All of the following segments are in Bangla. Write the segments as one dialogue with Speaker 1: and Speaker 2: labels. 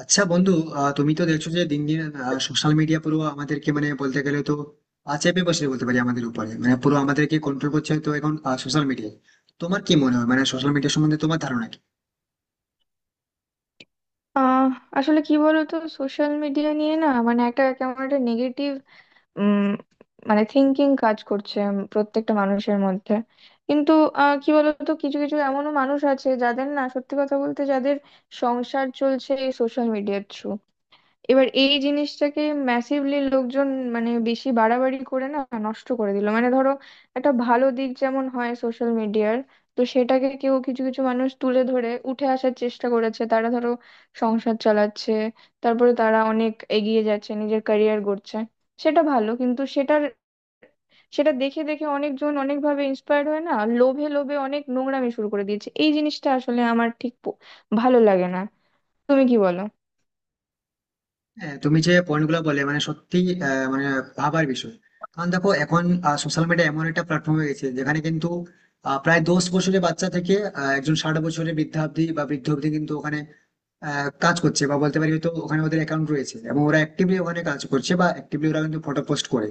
Speaker 1: আচ্ছা বন্ধু, তুমি তো দেখছো যে দিন দিন সোশ্যাল মিডিয়া পুরো আমাদেরকে মানে বলতে গেলে তো চেপে বসে বলতে পারি আমাদের উপরে মানে পুরো আমাদেরকে কন্ট্রোল করছে তো এখন সোশ্যাল মিডিয়া। তোমার কি মনে হয় মানে সোশ্যাল মিডিয়া সম্বন্ধে তোমার ধারণা কি?
Speaker 2: আহ আসলে কি বলতো, সোশ্যাল মিডিয়া নিয়ে না মানে একটা কেমন একটা নেগেটিভ মানে থিঙ্কিং কাজ করছে প্রত্যেকটা মানুষের মধ্যে। কিন্তু কি বলতো, কিছু কিছু এমনও মানুষ আছে যাদের না, সত্যি কথা বলতে, যাদের সংসার চলছে এই সোশ্যাল মিডিয়ার থ্রু। এবার এই জিনিসটাকে ম্যাসিভলি লোকজন মানে বেশি বাড়াবাড়ি করে না নষ্ট করে দিল। মানে ধরো, একটা ভালো দিক যেমন হয় সোশ্যাল মিডিয়ার, তো সেটাকে কেউ কিছু কিছু মানুষ তুলে ধরে উঠে আসার চেষ্টা করেছে, তারা ধরো সংসার চালাচ্ছে, তারপরে তারা অনেক এগিয়ে যাচ্ছে, নিজের ক্যারিয়ার গড়ছে। সেটা ভালো, কিন্তু সেটার, সেটা দেখে দেখে অনেকজন অনেকভাবে ইন্সপায়ার্ড হয় না, লোভে লোভে অনেক নোংরামি শুরু করে দিয়েছে। এই জিনিসটা আসলে আমার ঠিক ভালো লাগে না। তুমি কি বলো?
Speaker 1: হ্যাঁ, তুমি যে পয়েন্ট গুলো বলে মানে সত্যি মানে ভাবার বিষয়। কারণ দেখো এখন সোশ্যাল মিডিয়া এমন একটা প্ল্যাটফর্ম হয়ে গেছে যেখানে কিন্তু প্রায় 10 বছরের বাচ্চা থেকে একজন 60 বছরের বৃদ্ধা অব্দি বা বৃদ্ধ অব্দি কিন্তু ওখানে কাজ করছে বা বলতে পারি হয়তো ওখানে ওদের অ্যাকাউন্ট রয়েছে এবং ওরা অ্যাক্টিভলি ওখানে কাজ করছে বা অ্যাক্টিভলি ওরা কিন্তু ফটো পোস্ট করে।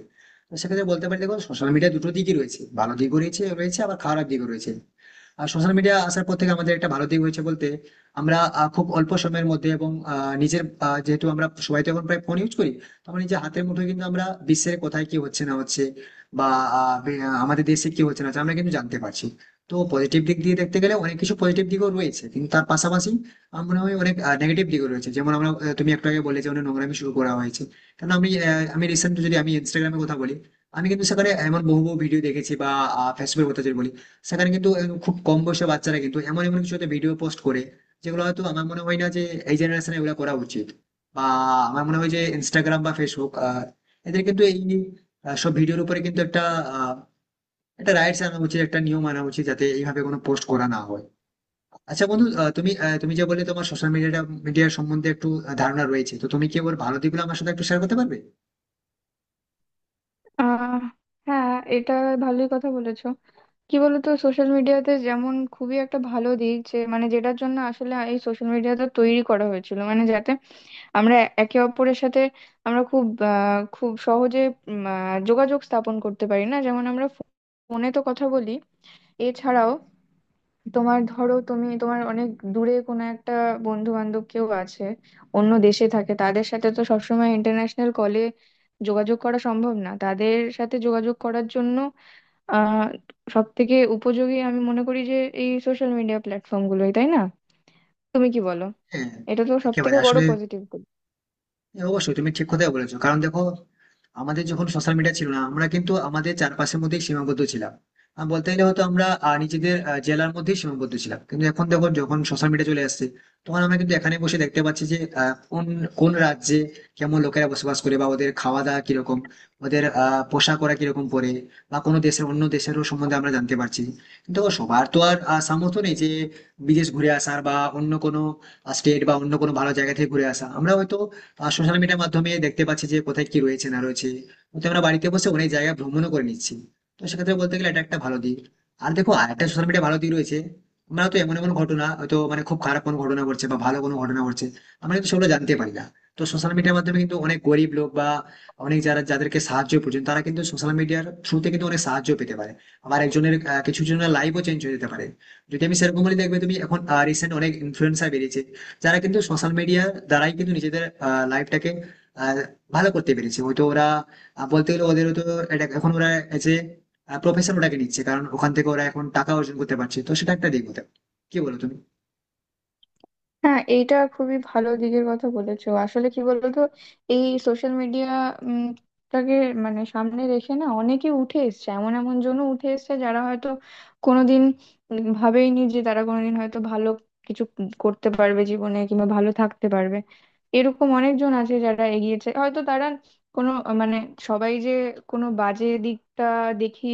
Speaker 1: তো সেক্ষেত্রে বলতে পারি দেখো সোশ্যাল মিডিয়া দুটো দিকই রয়েছে, ভালো দিকও রয়েছে, রয়েছে আবার খারাপ দিকও রয়েছে। আর সোশ্যাল মিডিয়া আসার পর থেকে আমাদের একটা ভালো দিক হয়েছে বলতে আমরা খুব অল্প সময়ের মধ্যে এবং নিজের যেহেতু আমরা সবাই তো এখন প্রায় ফোন ইউজ করি, তো আমরা নিজের হাতের মুঠোয় কিন্তু আমরা বিশ্বের কোথায় কি হচ্ছে না হচ্ছে বা আমাদের দেশে কি হচ্ছে না হচ্ছে আমরা কিন্তু জানতে পারছি। তো পজিটিভ দিক দিয়ে দেখতে গেলে অনেক কিছু পজিটিভ দিকও রয়েছে, কিন্তু তার পাশাপাশি আমার মনে হয় অনেক নেগেটিভ দিকও রয়েছে। যেমন আমরা তুমি একটু আগে বললে যে অনেক নোংরামি শুরু করা হয়েছে। কারণ আমি আমি রিসেন্ট যদি আমি ইনস্টাগ্রামে কথা বলি, আমি কিন্তু সেখানে এমন বহু বহু ভিডিও দেখেছি। বা ফেসবুকের কথা যদি বলি, সেখানে কিন্তু এরকম খুব কম বয়সী বাচ্চারা কিন্তু এমন এমন কিছু ভিডিও পোস্ট করে যেগুলো হয়তো আমার মনে হয় না যে এই জেনারেশনে এগুলো করা উচিত। বা আমার মনে হয় যে ইনস্টাগ্রাম বা ফেসবুক, এদের কিন্তু এই সব ভিডিওর উপরে কিন্তু একটা আহ, একটা রাইটস আনা উচিত, একটা নিয়ম আনা উচিত যাতে এইভাবে কোনো পোস্ট করা না হয়। আচ্ছা বন্ধু, তুমি যে বললে তোমার সোশ্যাল মিডিয়াটা মিডিয়ার সম্বন্ধে একটু ধারণা রয়েছে, তো তুমি কি ওর ভালো দিকগুলো আমার সাথে একটু শেয়ার করতে পারবে?
Speaker 2: আহ হ্যাঁ, এটা ভালোই কথা বলেছো। কি বলতো, সোশ্যাল মিডিয়াতে যেমন খুবই একটা ভালো দিক, যে মানে যেটার জন্য আসলে এই সোশ্যাল মিডিয়াটা তৈরি করা হয়েছিল, মানে যাতে আমরা একে অপরের সাথে, আমরা খুব খুব সহজে যোগাযোগ স্থাপন করতে পারি না। যেমন আমরা ফোনে তো কথা বলি, এছাড়াও তোমার ধরো, তুমি তোমার অনেক দূরে কোনো একটা বন্ধু বান্ধব কেউ আছে, অন্য দেশে থাকে, তাদের সাথে তো সবসময় ইন্টারন্যাশনাল কলে যোগাযোগ করা সম্ভব না। তাদের সাথে যোগাযোগ করার জন্য আহ সব থেকে উপযোগী আমি মনে করি যে এই সোশ্যাল মিডিয়া প্ল্যাটফর্ম গুলোই, তাই না? তুমি কি বলো?
Speaker 1: হ্যাঁ,
Speaker 2: এটা তো সব
Speaker 1: একেবারে
Speaker 2: থেকে বড়
Speaker 1: আসলে,
Speaker 2: পজিটিভ।
Speaker 1: হ্যাঁ, অবশ্যই তুমি ঠিক কথাই বলেছো। কারণ দেখো, আমাদের যখন সোশ্যাল মিডিয়া ছিল না, আমরা কিন্তু আমাদের চারপাশের মধ্যেই সীমাবদ্ধ ছিলাম। আর বলতে গেলে হয়তো আমরা নিজেদের জেলার মধ্যেই সীমাবদ্ধ ছিলাম, কিন্তু এখন দেখো যখন সোশ্যাল মিডিয়া চলে আসছে, তখন আমরা কিন্তু এখানে বসে দেখতে পাচ্ছি যে কোন কোন রাজ্যে কেমন লোকেরা বসবাস করে বা ওদের খাওয়া দাওয়া কিরকম, ওদের পোশাক ওরা কিরকম পরে, বা কোনো দেশের অন্য দেশেরও সম্বন্ধে আমরা জানতে পারছি। কিন্তু দেখো, সবার তো আর সামর্থ্য নেই যে বিদেশ ঘুরে আসার বা অন্য কোনো স্টেট বা অন্য কোনো ভালো জায়গা থেকে ঘুরে আসা। আমরা হয়তো সোশ্যাল মিডিয়ার মাধ্যমে দেখতে পাচ্ছি যে কোথায় কি রয়েছে না রয়েছে, কিন্তু আমরা বাড়িতে বসে অনেক জায়গা ভ্রমণও করে নিচ্ছি। তো সেক্ষেত্রে বলতে গেলে এটা একটা ভালো দিক। আর দেখো আরেকটা সোশ্যাল মিডিয়া ভালো দিক রয়েছে, আমরা তো এমন এমন ঘটনা হয়তো মানে খুব খারাপ কোনো ঘটনা ঘটছে বা ভালো কোনো ঘটনা ঘটছে, আমরা কিন্তু সেগুলো জানতে পারি না। তো সোশ্যাল মিডিয়ার মাধ্যমে কিন্তু অনেক গরিব লোক বা অনেক যারা যাদেরকে সাহায্য প্রয়োজন তারা কিন্তু সোশ্যাল মিডিয়ার থ্রুতে কিন্তু অনেক সাহায্য পেতে পারে। আবার একজনের কিছু জনের লাইফও চেঞ্জ হয়ে যেতে পারে যদি আমি সেরকম বলি। দেখবে তুমি এখন রিসেন্ট অনেক ইনফ্লুয়েন্সার বেরিয়েছে যারা কিন্তু সোশ্যাল মিডিয়ার দ্বারাই কিন্তু নিজেদের লাইফটাকে ভালো করতে পেরেছে। হয়তো ওরা বলতে গেলে ওদের তো এটা এখন ওরা এজ এ প্রফেশন ওটাকে নিচ্ছে, কারণ ওখান থেকে ওরা এখন টাকা অর্জন করতে পারছে। তো সেটা একটা দিক হতে পারে। কি বলো তুমি?
Speaker 2: হ্যাঁ, এইটা খুবই ভালো দিকের কথা বলেছো। আসলে কি বলতো, এই সোশ্যাল মিডিয়াটাকে মানে সামনে রেখে না, অনেকে উঠে এসছে, এমন এমন জনও উঠে এসছে যারা হয়তো কোনোদিন ভাবেইনি যে তারা কোনোদিন হয়তো ভালো কিছু করতে পারবে জীবনে, কিংবা ভালো থাকতে পারবে। এরকম অনেকজন আছে যারা এগিয়েছে, হয়তো তারা কোনো মানে সবাই যে কোনো বাজে দিকটা দেখি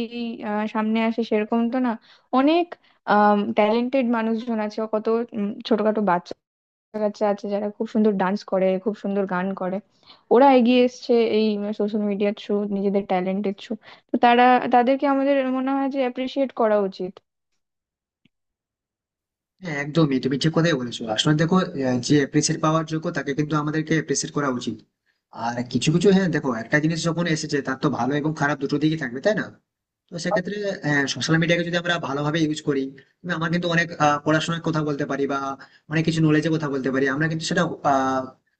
Speaker 2: সামনে আসে, সেরকম তো না। অনেক ট্যালেন্টেড মানুষজন আছে, কত ছোটখাটো বাচ্চা কাছে আছে যারা খুব সুন্দর ডান্স করে, খুব সুন্দর গান করে। ওরা এগিয়ে এসছে এই সোশ্যাল মিডিয়ার থ্রু, নিজেদের ট্যালেন্টের থ্রু। তো তারা, তাদেরকে আমাদের মনে হয় যে অ্যাপ্রিসিয়েট করা উচিত।
Speaker 1: হ্যাঁ, একদমই তুমি ঠিক কথাই বলেছো। আসলে দেখো, যে অ্যাপ্রিসিয়েট পাওয়ার যোগ্য তাকে কিন্তু আমাদেরকে অ্যাপ্রিসিয়েট করা উচিত। আর কিছু কিছু, হ্যাঁ দেখো একটা জিনিস যখন এসেছে তার তো ভালো এবং খারাপ দুটো দিকই থাকবে, তাই না? তো সেক্ষেত্রে হ্যাঁ, সোশ্যাল মিডিয়াকে যদি আমরা ভালোভাবে ইউজ করি, তবে আমরা কিন্তু অনেক পড়াশোনার কথা বলতে পারি বা অনেক কিছু নলেজের কথা বলতে পারি। আমরা কিন্তু সেটা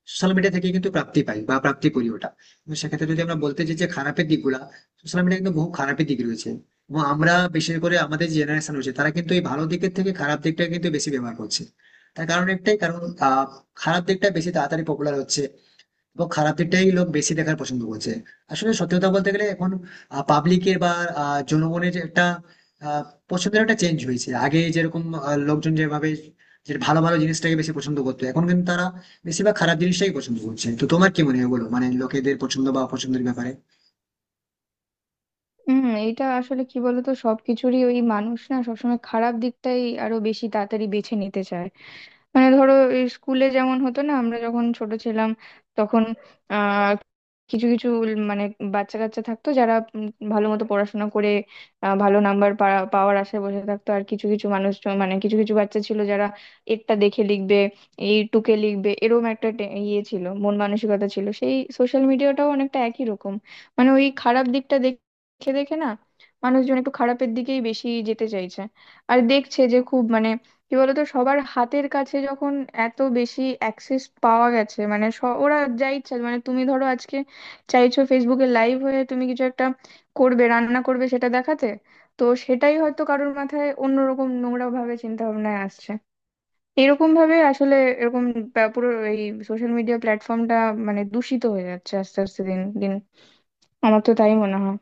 Speaker 1: সোশ্যাল মিডিয়া থেকে কিন্তু প্রাপ্তি পাই বা প্রাপ্তি করি ওটা। তো সেক্ষেত্রে যদি আমরা বলতে চাই যে খারাপের দিকগুলা, সোশ্যাল মিডিয়া কিন্তু বহু খারাপের দিক রয়েছে। এবং আমরা বিশেষ করে আমাদের জেনারেশন রয়েছে তারা কিন্তু এই ভালো দিকের থেকে খারাপ দিকটা কিন্তু বেশি ব্যবহার করছে। তার কারণ একটাই কারণ, আহ, খারাপ দিকটা বেশি তাড়াতাড়ি পপুলার হচ্ছে এবং খারাপ দিকটাই লোক বেশি দেখার পছন্দ করছে। আসলে সত্যি কথা বলতে গেলে এখন পাবলিকের বা জনগণের যে একটা আহ, পছন্দের একটা চেঞ্জ হয়েছে। আগে যেরকম লোকজন যেভাবে যে ভালো ভালো জিনিসটাকে বেশি পছন্দ করতো, এখন কিন্তু তারা বেশিরভাগ খারাপ জিনিসটাই পছন্দ করছে। তো তোমার কি মনে হয় বলো, মানে লোকেদের পছন্দ বা অপছন্দের ব্যাপারে?
Speaker 2: হুম, এইটা আসলে কি বলতো, সবকিছুরই ওই, মানুষ না সবসময় খারাপ দিকটাই আরো বেশি তাড়াতাড়ি বেছে নিতে চায়। মানে ধরো, এই স্কুলে যেমন হতো না, আমরা যখন ছোট ছিলাম তখন আহ কিছু কিছু মানে বাচ্চা কাচ্চা থাকতো যারা ভালো মতো পড়াশোনা করে ভালো নাম্বার পাওয়ার আশায় বসে থাকতো। আর কিছু কিছু মানুষ মানে কিছু কিছু বাচ্চা ছিল যারা এরটা দেখে লিখবে, এই টুকে লিখবে, এরকম একটা ইয়ে ছিল, মন মানসিকতা ছিল। সেই সোশ্যাল মিডিয়াটাও অনেকটা একই রকম। মানে ওই খারাপ দিকটা দেখে দেখে না মানুষজন একটু খারাপের দিকেই বেশি যেতে চাইছে। আর দেখছে যে খুব মানে কি বলতো, সবার হাতের কাছে যখন এত বেশি অ্যাক্সেস পাওয়া গেছে, মানে ওরা যা ইচ্ছা, মানে তুমি ধরো আজকে চাইছো ফেসবুকে লাইভ হয়ে তুমি কিছু একটা করবে, রান্না করবে, সেটা দেখাতে, তো সেটাই হয়তো কারোর মাথায় অন্যরকম নোংরা ভাবে চিন্তা ভাবনায় আসছে। এরকম ভাবে আসলে এরকম পুরো এই সোশ্যাল মিডিয়া প্ল্যাটফর্মটা মানে দূষিত হয়ে যাচ্ছে আস্তে আস্তে দিন দিন। আমার তো তাই মনে হয়।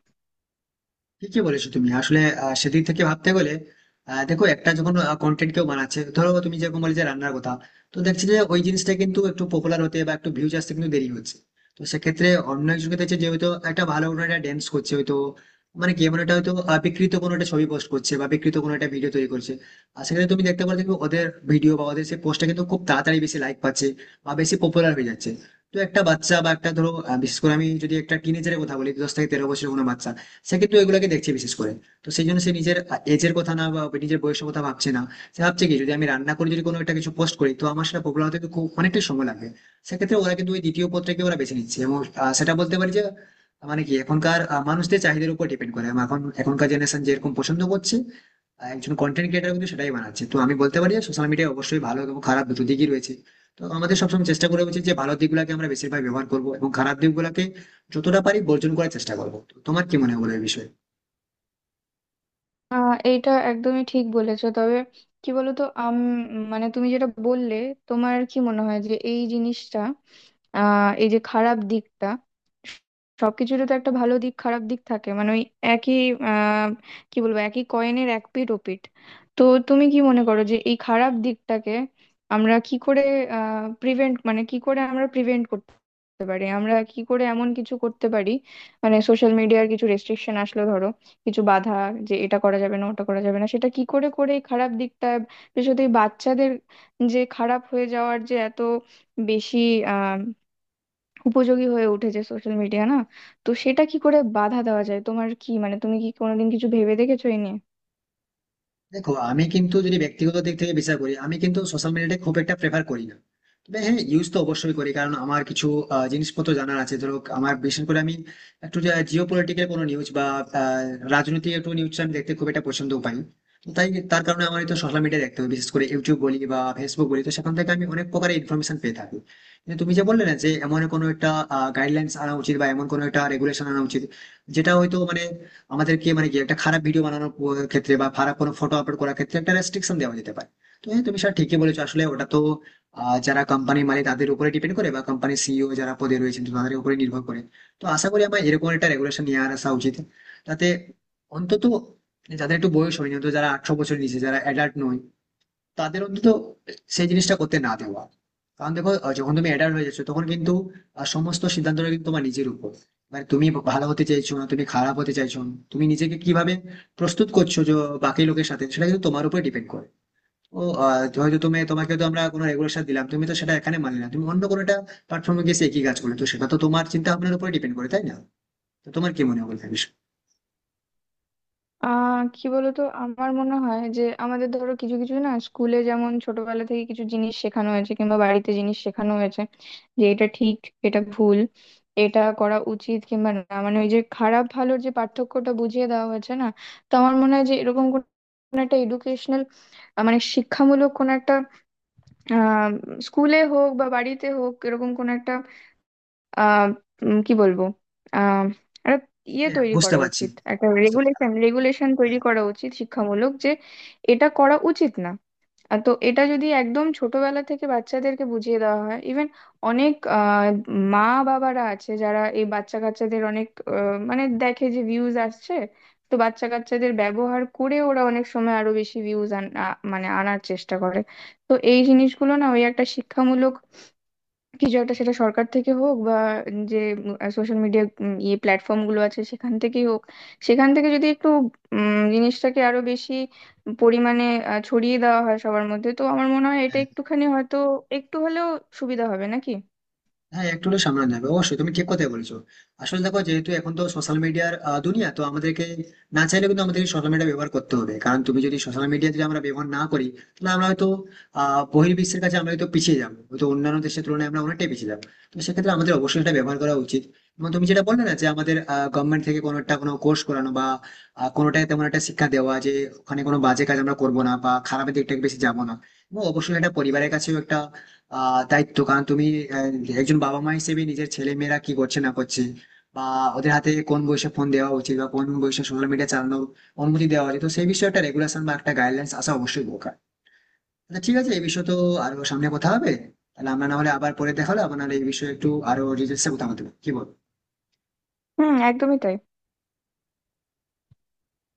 Speaker 1: ঠিকই বলেছো তুমি। আসলে সেদিক থেকে ভাবতে গেলে, দেখো একটা যখন কন্টেন্ট কেউ বানাচ্ছে, ধরো তুমি যেরকম বলে যে রান্নার কথা, তো দেখছি যে ওই জিনিসটা কিন্তু একটু পপুলার হতে বা একটু ভিউজ আসতে কিন্তু দেরি হচ্ছে। তো সেক্ষেত্রে অন্য একজনকে দেখছে যে হয়তো একটা ভালো কোনো একটা ড্যান্স করছে, হয়তো মানে কি এমন একটা হয়তো বিকৃত কোনো একটা ছবি পোস্ট করছে বা বিকৃত কোনো একটা ভিডিও তৈরি করছে, আর সেক্ষেত্রে তুমি দেখতে পারো দেখবে ওদের ভিডিও বা ওদের সেই পোস্টটা কিন্তু খুব তাড়াতাড়ি বেশি লাইক পাচ্ছে বা বেশি পপুলার হয়ে যাচ্ছে। তো একটা বাচ্চা বা একটা ধরো বিশেষ করে আমি যদি একটা টিনেজারের কথা বলি, 10 থেকে 13 বছরের কোনো বাচ্চা, সে কিন্তু এগুলোকে দেখছে বিশেষ করে। তো সেই জন্য সে নিজের এজের কথা না বা নিজের বয়সের কথা ভাবছে না। সে ভাবছে কি, যদি আমি রান্না করে যদি কোনো একটা কিছু পোস্ট করি তো আমার সেটা পপুলার হতে কিন্তু খুব অনেকটাই সময় লাগবে। সেক্ষেত্রে ওরা কিন্তু ওই দ্বিতীয় পত্রকে ওরা বেছে নিচ্ছে এবং সেটা বলতে পারি যে মানে কি এখনকার মানুষদের চাহিদার উপর ডিপেন্ড করে। আমার এখন এখনকার জেনারেশন যেরকম পছন্দ করছে, একজন কন্টেন্ট ক্রিয়েটার কিন্তু সেটাই বানাচ্ছে। তো আমি বলতে পারি যে সোশ্যাল মিডিয়া অবশ্যই ভালো এবং খারাপ দুটো দিকই রয়েছে। তো আমাদের সবসময় চেষ্টা করা উচিত যে ভালো দিকগুলোকে আমরা বেশিরভাগ ব্যবহার করবো এবং খারাপ দিকগুলোকে যতটা পারি বর্জন করার চেষ্টা করবো। তো তোমার কি মনে হয় বলো এই বিষয়ে?
Speaker 2: এইটা একদমই ঠিক বলেছো। তবে কি বলতো, মানে তুমি যেটা বললে, তোমার কি মনে হয় যে এই জিনিসটা, এই যে খারাপ দিকটা, সবকিছুরই তো একটা ভালো দিক খারাপ দিক থাকে, মানে ওই একই আহ কি বলবো, একই কয়েনের এক পিঠ ও পিঠ। তো তুমি কি মনে করো যে এই খারাপ দিকটাকে আমরা কি করে প্রিভেন্ট, মানে কি করে আমরা প্রিভেন্ট করতে পারি, আমরা কি করে এমন কিছু করতে পারি মানে সোশ্যাল মিডিয়ার কিছু রেস্ট্রিকশন আসলো ধরো, কিছু বাধা, যে এটা করা যাবে না ওটা করা যাবে না, সেটা কি করে করে এই খারাপ দিকটা, বিশেষত এই বাচ্চাদের যে খারাপ হয়ে যাওয়ার যে এত বেশি আহ উপযোগী হয়ে উঠেছে সোশ্যাল মিডিয়া না, তো সেটা কি করে বাধা দেওয়া যায়? তোমার কি মানে, তুমি কি কোনোদিন কিছু ভেবে দেখেছো এই নিয়ে?
Speaker 1: দেখো, আমি কিন্তু যদি ব্যক্তিগত দিক থেকে বিচার করি, আমি কিন্তু সোশ্যাল মিডিয়াটা খুব একটা প্রেফার করি না। তবে হ্যাঁ, ইউজ তো অবশ্যই করি, কারণ আমার কিছু জিনিসপত্র জানার আছে। ধরো আমার বিশেষ করে আমি একটু জিও পলিটিক্যাল কোনো নিউজ বা আহ, রাজনৈতিক একটু নিউজ আমি দেখতে খুব একটা পছন্দ পাই। তো তাই তার কারণে আমার তো সোশ্যাল মিডিয়া দেখতে হবে, বিশেষ করে ইউটিউব বলি বা ফেসবুক বলি, তো সেখান থেকে আমি অনেক প্রকারের ইনফরমেশন পেয়ে থাকি। কিন্তু তুমি যে বললে না যে এমন কোনো একটা গাইডলাইন্স আনা উচিত বা এমন কোনো একটা রেগুলেশন আনা উচিত যেটা হয়তো মানে আমাদেরকে মানে কি একটা খারাপ ভিডিও বানানোর ক্ষেত্রে বা খারাপ কোনো ফটো আপলোড করার ক্ষেত্রে একটা রেস্ট্রিকশন দেওয়া যেতে পারে, তো হ্যাঁ তুমি সেটা ঠিকই বলেছো। আসলে ওটা তো যারা কোম্পানির মালিক তাদের উপরে ডিপেন্ড করে, বা কোম্পানির সিইও যারা পদে রয়েছেন, তো তাদের উপরে নির্ভর করে। তো আশা করি আমার এরকম একটা রেগুলেশন নিয়ে আর আসা উচিত। তাতে অন্তত যাদের একটু বয়স হয়নি, অন্তত যারা 18 বছর নিচে, যারা অ্যাডাল্ট নয়, তাদের অন্তত সেই জিনিসটা করতে না দেওয়া। কারণ দেখো, যখন তুমি অ্যাডাল্ট হয়ে যাচ্ছ তখন কিন্তু সমস্ত সিদ্ধান্তটা কিন্তু তোমার নিজের উপর। মানে তুমি ভালো হতে চাইছো না তুমি খারাপ হতে চাইছো না, তুমি নিজেকে কিভাবে প্রস্তুত করছো যে বাকি লোকের সাথে, সেটা কিন্তু তোমার উপর ডিপেন্ড করে। ও হয়তো তুমি, তোমাকে তো আমরা কোনো রেগুলেশন দিলাম, তুমি তো সেটা এখানে মানলে না, তুমি অন্য কোনো একটা প্ল্যাটফর্মে গিয়ে সে একই কাজ করলে, তো সেটা তো তোমার চিন্তা ভাবনার উপর ডিপেন্ড করে, তাই না? তো তোমার কি মনে হয় বলতে বিষয়?
Speaker 2: কি বলতো, আমার মনে হয় যে আমাদের ধরো কিছু কিছু না, স্কুলে যেমন ছোটবেলা থেকে কিছু জিনিস শেখানো হয়েছে কিংবা বাড়িতে জিনিস শেখানো হয়েছে যে এটা ঠিক, এটা ভুল, এটা করা উচিত কিংবা না, মানে ওই যে খারাপ ভালোর যে পার্থক্যটা বুঝিয়ে দেওয়া হয়েছে না, তো আমার মনে হয় যে এরকম কোন একটা এডুকেশনাল মানে শিক্ষামূলক কোন একটা, আহ স্কুলে হোক বা বাড়িতে হোক, এরকম কোন একটা আহ কি বলবো, আহ একটা ইয়ে তৈরি
Speaker 1: বুঝতে
Speaker 2: করা
Speaker 1: পারছি,
Speaker 2: উচিত, একটা
Speaker 1: বুঝতে পারছি।
Speaker 2: রেগুলেশন, রেগুলেশন তৈরি করা উচিত শিক্ষামূলক, যে এটা করা উচিত না। তো এটা যদি একদম ছোটবেলা থেকে বাচ্চাদেরকে বুঝিয়ে দেওয়া হয়, ইভেন অনেক মা বাবারা আছে যারা এই বাচ্চা কাচ্চাদের অনেক আহ, মানে দেখে যে ভিউজ আসছে, তো বাচ্চা কাচ্চাদের ব্যবহার করে ওরা অনেক সময় আরো বেশি ভিউজ মানে আনার চেষ্টা করে। তো এই জিনিসগুলো না, ওই একটা শিক্ষামূলক কিছু একটা, সেটা সরকার থেকে হোক বা যে সোশ্যাল মিডিয়া ইয়ে প্ল্যাটফর্ম গুলো আছে সেখান থেকেই হোক, সেখান থেকে যদি একটু জিনিসটাকে আরো বেশি পরিমাণে ছড়িয়ে দেওয়া হয় সবার মধ্যে, তো আমার মনে হয় এটা
Speaker 1: হ্যাঁ,
Speaker 2: একটুখানি হয়তো একটু হলেও সুবিধা হবে নাকি।
Speaker 1: হ্যাঁ একটু হলেও সামনে নেবে, অবশ্যই তুমি ঠিক কথাই বলছো। আসলে দেখো, যেহেতু এখন তো সোশ্যাল মিডিয়ার দুনিয়া, তো আমাদেরকে না চাইলে কিন্তু আমাদের সোশ্যাল মিডিয়া ব্যবহার করতে হবে। কারণ তুমি যদি সোশ্যাল মিডিয়া যদি আমরা ব্যবহার না করি, তাহলে আমরা হয়তো বহির্বিশ্বের কাছে আমরা হয়তো পিছিয়ে যাবো, হয়তো অন্যান্য দেশের তুলনায় আমরা অনেকটাই পিছিয়ে যাবো। তো সেক্ষেত্রে আমাদের অবশ্যই এটা ব্যবহার করা উচিত। এবং তুমি যেটা বললে না যে আমাদের গভর্নমেন্ট থেকে কোনো একটা কোনো কোর্স করানো বা কোনোটাই তেমন একটা শিক্ষা দেওয়া যে ওখানে কোনো বাজে কাজ আমরা করবো না বা খারাপের দিকটাকে বেশি যাবো না। এবং অবশ্যই এটা পরিবারের কাছেও একটা তাই তো। কারণ তুমি একজন বাবা মা হিসেবে নিজের ছেলে মেয়েরা কি করছে না করছে, বা ওদের হাতে কোন বয়সে ফোন দেওয়া উচিত বা কোন বয়সে সোশ্যাল মিডিয়া চালানোর অনুমতি দেওয়া উচিত, তো সেই বিষয়ে একটা রেগুলেশন বা একটা গাইডলাইন্স আসা অবশ্যই দরকার। আচ্ছা ঠিক আছে, এই বিষয়ে তো আরো সামনে কথা হবে। তাহলে আমরা না হলে আবার পরে দেখা হলো আবার, নাহলে এই বিষয়ে একটু আরো ডিটেলসে কথা বলতে, কি বল?
Speaker 2: হুম, একদমই তাই।